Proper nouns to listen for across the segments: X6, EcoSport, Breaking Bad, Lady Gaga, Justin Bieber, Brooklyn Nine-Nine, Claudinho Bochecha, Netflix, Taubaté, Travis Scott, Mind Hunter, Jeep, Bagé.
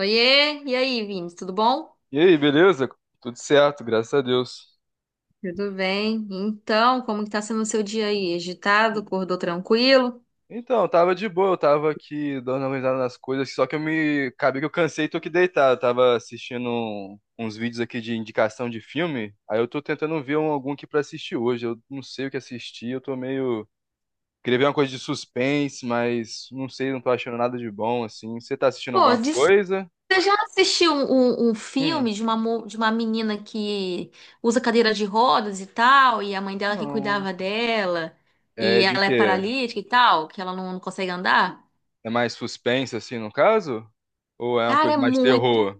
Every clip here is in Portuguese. Oiê, e aí, Vini, tudo bom? E aí, beleza? Tudo certo, graças a Deus. Tudo bem. Então, como que tá sendo o seu dia aí? Agitado? Acordou tranquilo? Então, tava de boa, eu tava aqui dando uma risada nas coisas, só que eu me. Acabei que eu cansei e tô aqui deitado. Eu tava assistindo uns vídeos aqui de indicação de filme, aí eu tô tentando ver algum aqui pra assistir hoje. Eu não sei o que assistir, eu tô meio. Queria ver uma coisa de suspense, mas não sei, não tô achando nada de bom, assim. Você tá assistindo Pô, alguma coisa? você já assistiu um Hum, filme de de uma menina que usa cadeira de rodas e tal, e a mãe dela que não. cuidava dela, e É de ela é quê? paralítica e tal, que ela não consegue andar? É mais suspense, assim, no caso? Ou é uma Cara, coisa é mais muito terror?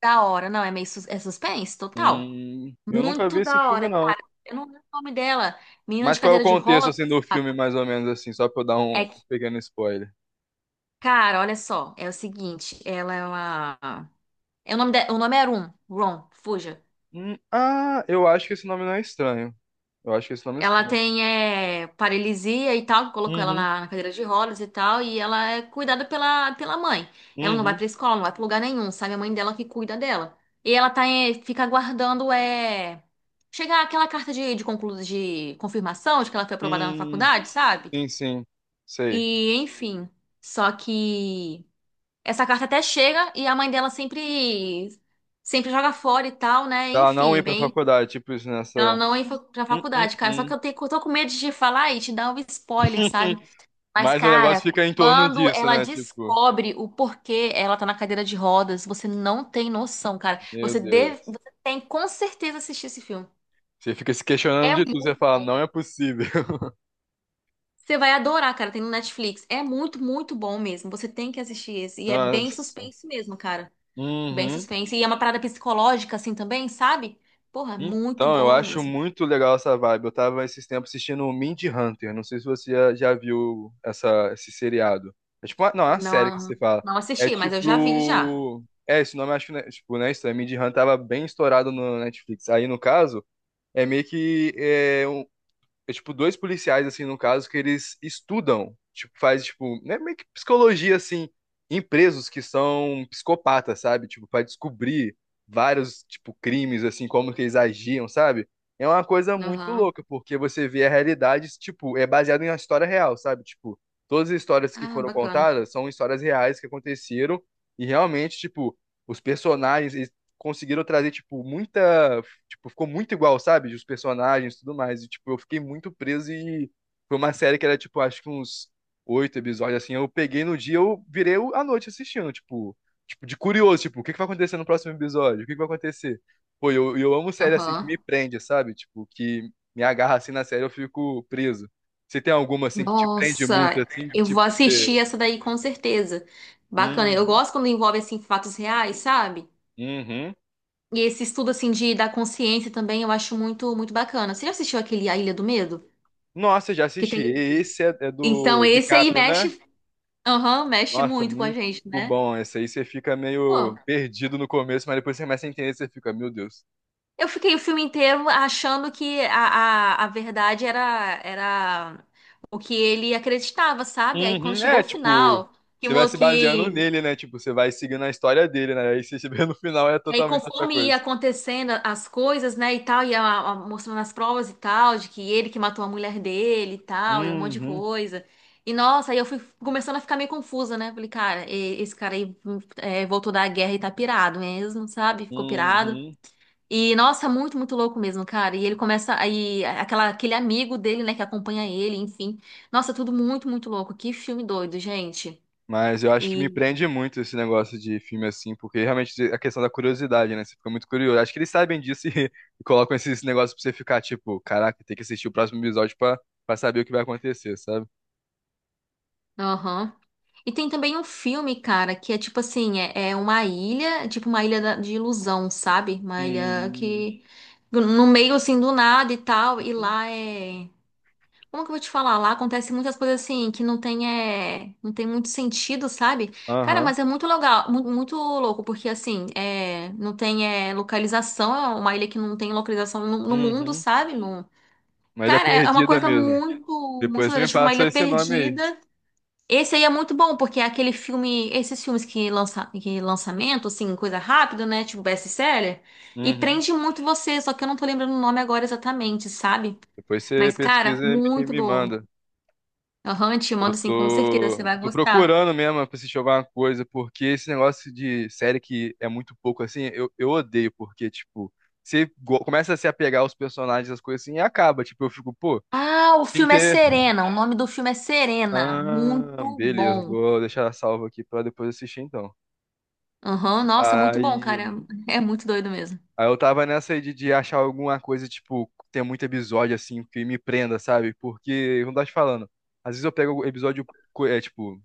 da hora. Não, é é suspense total. Eu nunca vi Muito esse da filme, hora, não. cara. Eu não lembro o nome dela. Menina Mas de qual é o cadeira de contexto, rodas. assim, do filme, mais ou menos, assim, só pra eu dar um é pequeno spoiler? Cara, olha só, é o seguinte, ela é uma. É, o nome é Rum, Ron, fuja. Ah, eu acho que esse nome não é estranho. Eu acho que esse nome é Ela estranho. tem paralisia e tal, que colocou ela Uhum, na cadeira de rodas e tal, e ela é cuidada pela mãe. Ela não vai uhum, pra escola, não vai pra lugar nenhum, sabe? A mãe dela que cuida dela. E ela tá, fica aguardando chegar aquela carta de confirmação de que ela foi aprovada na hum, faculdade, sabe? sim, sim, sei. E, enfim. Só que. Essa carta até chega e a mãe dela sempre joga fora e tal, né? Pra Ela não Enfim, ir pra bem, faculdade, tipo isso, nessa. ela não pra Hum, hum, faculdade, cara. Só que hum. Eu tô com medo de te falar e te dar um spoiler, sabe? Mas, Mas o negócio cara, fica em torno quando disso, ela né? Tipo, descobre o porquê ela tá na cadeira de rodas, você não tem noção, cara. meu Deus. Você tem com certeza assistir esse filme. Você fica se questionando É de tudo, muito você fala, bom. não é possível. Você vai adorar, cara. Tem no Netflix. É muito, muito bom mesmo. Você tem que assistir esse. E é bem Nossa. suspense mesmo, cara. Bem Uhum. suspense. E é uma parada psicológica, assim, também, sabe? Porra, é muito Então, eu boa acho mesmo. muito legal essa vibe. Eu tava esses tempos assistindo o Mind Hunter. Não sei se você já, já viu essa, esse seriado. É tipo, uma, não, é uma série que Não, você fala. não É assisti, mas eu já vi já. tipo. É, esse nome eu acho que, né, tipo, né, isso, é, Mind Hunter tava bem estourado no Netflix. Aí, no caso, é meio que é, é tipo dois policiais assim no caso que eles estudam, tipo faz tipo, né, meio que psicologia assim em presos que são psicopatas, sabe? Tipo, para descobrir vários tipo crimes assim, como que eles agiam, sabe? É uma coisa muito Aham. louca, porque você vê a realidade, tipo, é baseado em uma história real, sabe? Tipo, todas as histórias que Ah, foram bacana. contadas são histórias reais que aconteceram e realmente, tipo, os personagens eles conseguiram trazer tipo muita. Tipo, ficou muito igual, sabe? Os personagens e tudo mais. E, tipo, eu fiquei muito preso e foi uma série que era, tipo, acho que uns oito episódios, assim. Eu peguei no dia, eu virei à noite assistindo, tipo, tipo, de curioso, tipo, o que que vai acontecer no próximo episódio? O que que vai acontecer? Pô, eu amo série assim que me Aham. prende, sabe? Tipo, que me agarra assim na série, eu fico preso. Você tem alguma assim que te prende muito, Nossa, assim, que eu tipo, vou você. assistir essa daí com certeza. Bacana. Eu Uhum. gosto quando envolve, assim, fatos reais, sabe? Uhum. E esse estudo, assim, da consciência também eu acho muito, muito bacana. Você já assistiu aquele A Ilha do Medo? Nossa, já Que assisti. tem... Esse é, é Então, do esse aí DiCaprio, né? mexe... Aham, mexe Nossa, muito com a muito gente, né? bom. Esse aí você fica meio Pô. perdido no começo, mas depois você começa a entender, você fica, meu Deus. Eu fiquei o filme inteiro achando que a verdade era o que ele acreditava, sabe? Aí quando Uhum, chegou é, o tipo, final, que, você vai mo- se baseando que nele, né? Tipo, você vai seguindo a história dele, né? Aí você se vê no final é e aí totalmente outra conforme ia coisa. acontecendo as coisas, né, e tal, mostrando as provas e tal, de que ele que matou a mulher dele e tal, e um monte de Uhum, coisa. E nossa, aí eu fui começando a ficar meio confusa, né? Falei, cara, esse cara aí voltou da guerra e tá pirado mesmo, sabe? Ficou pirado. uhum. E, nossa, muito, muito louco mesmo, cara. E ele começa aí, aquele amigo dele, né, que acompanha ele, enfim. Nossa, tudo muito, muito louco. Que filme doido, gente. Mas eu acho que me E, prende muito esse negócio de filme assim, porque realmente a questão da curiosidade, né? Você fica muito curioso. Acho que eles sabem disso e, e colocam esses negócios pra você ficar, tipo, caraca, tem que assistir o próximo episódio pra, pra saber o que vai acontecer, sabe? aham. E tem também um filme, cara, que é tipo assim, é uma ilha, tipo uma de ilusão, sabe? Uma ilha Uhum. que no meio assim do nada e tal, e lá é como que eu vou te falar? Lá acontece muitas coisas assim que não tem, não tem muito sentido, sabe? Cara, Aham. mas é muito legal, muito louco, porque assim, não tem localização, é uma ilha que não tem localização no mundo, Uhum. sabe? Não. Mas ele é Cara, é uma perdida coisa mesmo. muito, muito Depois você legal, me tipo uma ilha passa esse nome aí. perdida. Esse aí é muito bom, porque é aquele filme, esses filmes que lança, que lançamento, assim, coisa rápida, né? Tipo best-seller, e Uhum. prende muito você, só que eu não tô lembrando o nome agora exatamente, sabe? Depois você Mas, cara, pesquisa e me, muito me bom. manda. Aham, te Eu mando sim, com certeza, você tô, vai tô gostar. procurando mesmo pra assistir alguma coisa, porque esse negócio de série que é muito pouco assim, eu odeio, porque, tipo, você começa a se apegar aos personagens, as coisas assim, e acaba. Tipo, eu fico, pô, Ah, o tem que filme é ter. Serena. O nome do filme é Serena. Ah, Muito beleza, bom. vou deixar salvo aqui pra depois assistir então. Aham, nossa, muito bom, cara. Aí. É muito doido mesmo. Aí eu tava nessa aí de achar alguma coisa, tipo, tem muito episódio, assim, que me prenda, sabe? Porque, como eu tava te falando, às vezes eu pego episódio, é, tipo,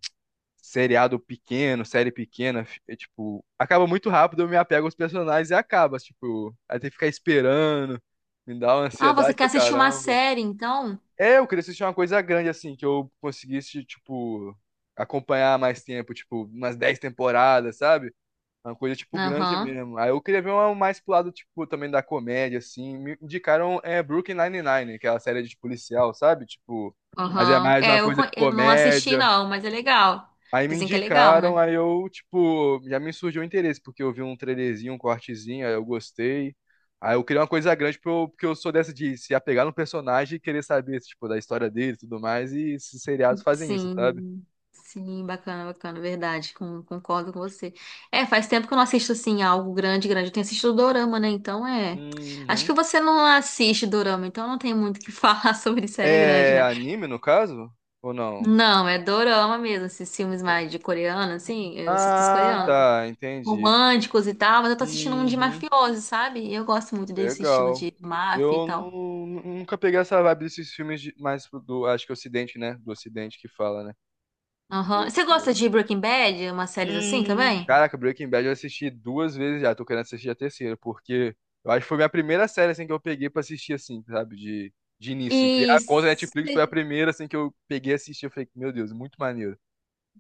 seriado pequeno, série pequena, é, tipo, acaba muito rápido, eu me apego aos personagens e acaba, tipo, aí tem que ficar esperando, me dá uma Ah, você ansiedade quer do assistir uma caramba. série, então? É, eu queria assistir uma coisa grande, assim, que eu conseguisse, tipo, acompanhar mais tempo, tipo, umas 10 temporadas, sabe? Uma coisa, tipo, grande Aham, mesmo. Aí eu queria ver uma mais pro lado, tipo, também da comédia, assim. Me indicaram é, Brooklyn Nine-Nine, aquela série de policial, sabe? Tipo, mas é aham. mais uma É, coisa de eu não assisti comédia. não, mas é legal. Aí me Dizem que é legal, né? indicaram, aí eu, tipo, já me surgiu o interesse, porque eu vi um trailerzinho, um cortezinho, aí eu gostei. Aí eu queria uma coisa grande, porque eu sou dessa de se apegar no personagem e querer saber, tipo, da história dele e tudo mais, e esses seriados fazem isso, sabe? Sim, sim, bacana, bacana, verdade, concordo com você. É, faz tempo que eu não assisto, assim, algo grande, grande. Eu tenho assistido Dorama, né? Então, é... Acho que Uhum. você não assiste Dorama, então não tem muito o que falar sobre série grande, É né? anime, no caso? Ou não? Não, é Dorama mesmo, esses filmes mais de coreano, assim, eu assisto os Ah, coreanos, tá, entendi. românticos e tal, mas eu tô assistindo um de Uhum, mafioso, sabe? E eu gosto muito desse estilo legal. de máfia e Eu tal. Nunca peguei essa vibe desses filmes mais do, acho que Ocidente, né? Do Ocidente que fala, né? Aham. Do, Você gosta do... de Breaking Bad, umas séries assim também? Caraca, Breaking Bad eu assisti duas vezes já, tô querendo assistir a terceira, porque eu acho que foi a minha primeira série, assim, que eu peguei pra assistir, assim, sabe? De início, assim. Criar a conta Isso. Netflix foi a primeira, assim, que eu peguei e assisti, eu falei, meu Deus, muito maneiro.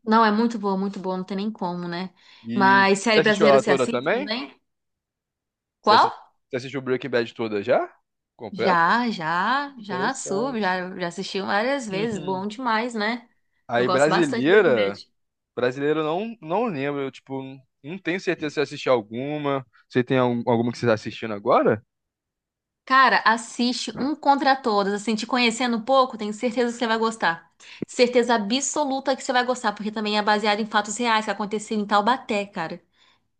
Não, é muito boa, não tem nem como, né? E Mas você série assistiu brasileira ela você toda assiste também? também? Você Qual? assi- você assistiu Breaking Bad toda já? Completo? Já, já, já sou, Interessante. já, já assisti várias vezes, Uhum. bom demais, né? Eu Aí, gosto bastante de Breaking brasileira, Bad. brasileira eu não, não lembro, eu, tipo, não tenho certeza se eu assisti alguma. Você tem alguma que você tá assistindo agora? Cara, assiste Um Contra Todos, assim, te conhecendo um pouco, tenho certeza que você vai gostar. Certeza absoluta que você vai gostar, porque também é baseado em fatos reais que aconteceram em Taubaté, cara.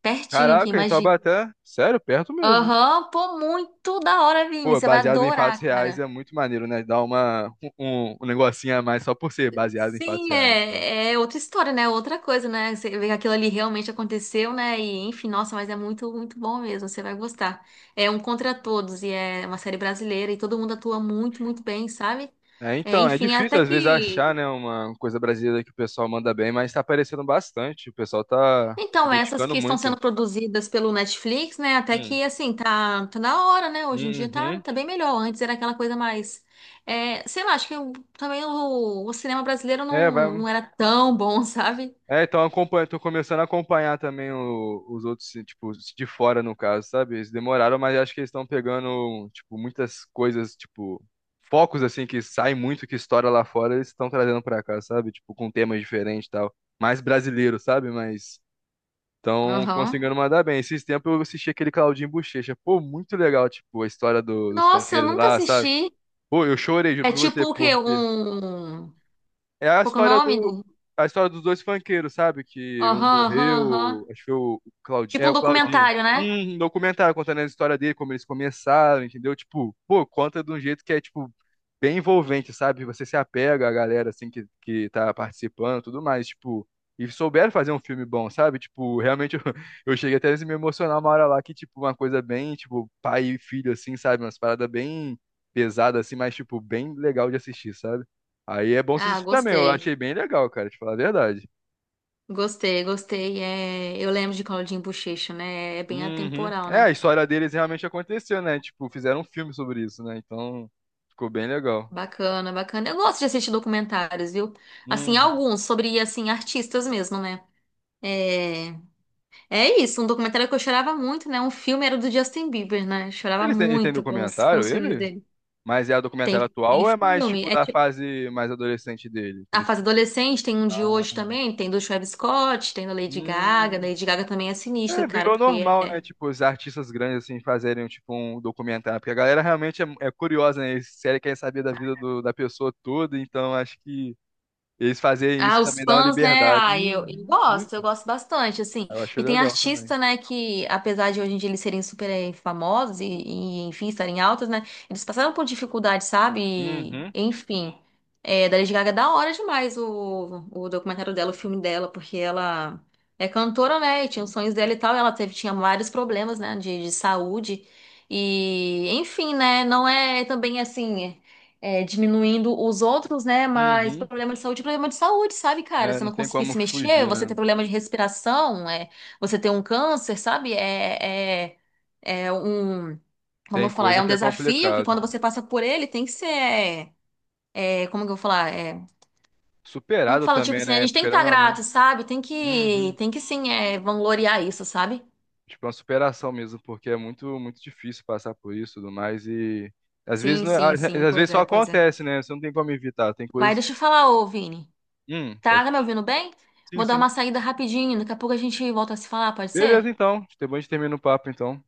Pertinho aqui, Caraca, então imagina. Taubaté, sério, perto mesmo. Aham, pô, muito da hora, Vini, Pô, você vai baseado em fatos adorar, reais cara. é muito maneiro, né? Dá uma, um, um um negocinho a mais só por ser baseado em fatos Sim, reais, sabe? é, é outra história, né? Outra coisa, né? Você vê que aquilo ali realmente aconteceu, né? E enfim, nossa, mas é muito, muito bom mesmo. Você vai gostar. É Um Contra Todos e é uma série brasileira e todo mundo atua muito, muito bem, sabe? É, É, então, é enfim, difícil até às vezes que. achar, né, uma coisa brasileira que o pessoal manda bem, mas tá aparecendo bastante. O pessoal tá se Então, essas dedicando que estão muito. sendo produzidas pelo Netflix, né? Até Hum. que, assim, tá, tá na hora, né? Hoje em dia tá, Uhum. tá bem melhor. Antes era aquela coisa mais. É, sei lá, acho que também o cinema brasileiro É, vai. não era tão bom, sabe? É, então eu acompanho, tô começando a acompanhar também os outros, tipo, os de fora no caso, sabe? Eles demoraram, mas acho que eles estão pegando, tipo, muitas coisas, tipo, focos assim que saem muito, que estoura lá fora, eles estão trazendo pra cá, sabe? Tipo, com temas diferentes e tal. Mais brasileiro, sabe? Mas estão Aham. conseguindo mandar bem. Esses tempos eu assisti aquele Claudinho Bochecha. Pô, muito legal, tipo, a história dos Nossa, eu funkeiros nunca lá, sabe? assisti. Pô, eu chorei, juro É pra tipo você, o quê? porque Um. é a Qual que é o história nome? do Do. a história dos dois funkeiros, sabe? Que um Aham, aham, morreu, aham. acho que foi o Claudinho, Tipo é um o Claudinho. documentário, né? Um documentário contando a história dele, como eles começaram, entendeu? Tipo, pô, conta de um jeito que é tipo bem envolvente, sabe? Você se apega à galera, assim, que tá participando, e tudo mais, tipo. E souberam fazer um filme bom, sabe? Tipo, realmente eu, eu cheguei até a me emocionar uma hora lá que, tipo, uma coisa bem, tipo, pai e filho, assim, sabe? Umas paradas bem pesadas, assim, mas, tipo, bem legal de assistir, sabe? Aí é bom você Ah, assistir também, eu gostei. achei bem legal, cara, te falar a verdade. Gostei, gostei. É... Eu lembro de Claudinho Bochecha, né? É bem Uhum. atemporal, É, né? a história deles realmente aconteceu, né? Tipo, fizeram um filme sobre isso, né? Então, ficou bem legal. Bacana, bacana. Eu gosto de assistir documentários, viu? Assim, Uhum. alguns sobre, assim, artistas mesmo, né? É... é isso, um documentário que eu chorava muito, né? Um filme era do Justin Bieber, né? Chorava Ele tem muito com com documentário, os filmes ele? dele. Mas é o documentário Tem, atual tem ou é mais filme. tipo da fase mais adolescente dele? Que A ele. fase adolescente tem um de hoje Ah, também, tem do Travis Scott, tem da Lady Gaga. hum. Lady Gaga também é sinistro, É, cara, virou porque normal, né? Tipo, os artistas grandes assim fazerem tipo um documentário, porque a galera realmente é, é curiosa, né? Eles sério querem saber da vida da pessoa toda, então acho que eles fazerem isso ah, os também dá uma fãs, né? liberdade. Ah, Uhum, isso. eu gosto bastante, assim. Eu achei E tem legal também. artista, né, que apesar de hoje em dia eles serem super famosos enfim, estarem altos, né? Eles passaram por dificuldade, sabe? E, Uhum, enfim, é, da Lady Gaga é da hora demais o documentário dela, o filme dela, porque ela é cantora, né? E tinha os sonhos dela e tal, e ela tinha vários problemas, né, de saúde. E, enfim, né? Não é também assim é, diminuindo os outros, né? Mas uhum. problema de saúde, é problema de saúde, sabe, cara? É, Você não não tem conseguir como se mexer, fugir, você né? ter problema de respiração, é, você ter um câncer, sabe? É um, como Tem eu falar, é coisa um que é desafio que complicado. quando você passa por ele tem que ser, como que eu vou falar, é, como que Superado fala, tipo também, assim, a né? gente tem que Querendo estar ou não. grato, sabe? Uhum. Tem que sim, é, vangloriar isso, sabe? Tipo, é uma superação mesmo, porque é muito, muito difícil passar por isso e tudo mais. E às vezes, Sim, não, sim, às sim, às vezes pois só é, pois é. acontece, né? Você não tem como evitar. Tem Mas coisas. deixa eu falar, ô Vini, tá, Pode. tá me ouvindo bem? Sim, Vou dar uma sim. saída rapidinho, daqui a pouco a gente volta a se falar, pode ser? Beleza, então. Depois a gente termina o papo, então.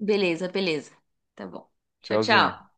Beleza, beleza. Tá bom. Tchau, Tchauzinho. tchau.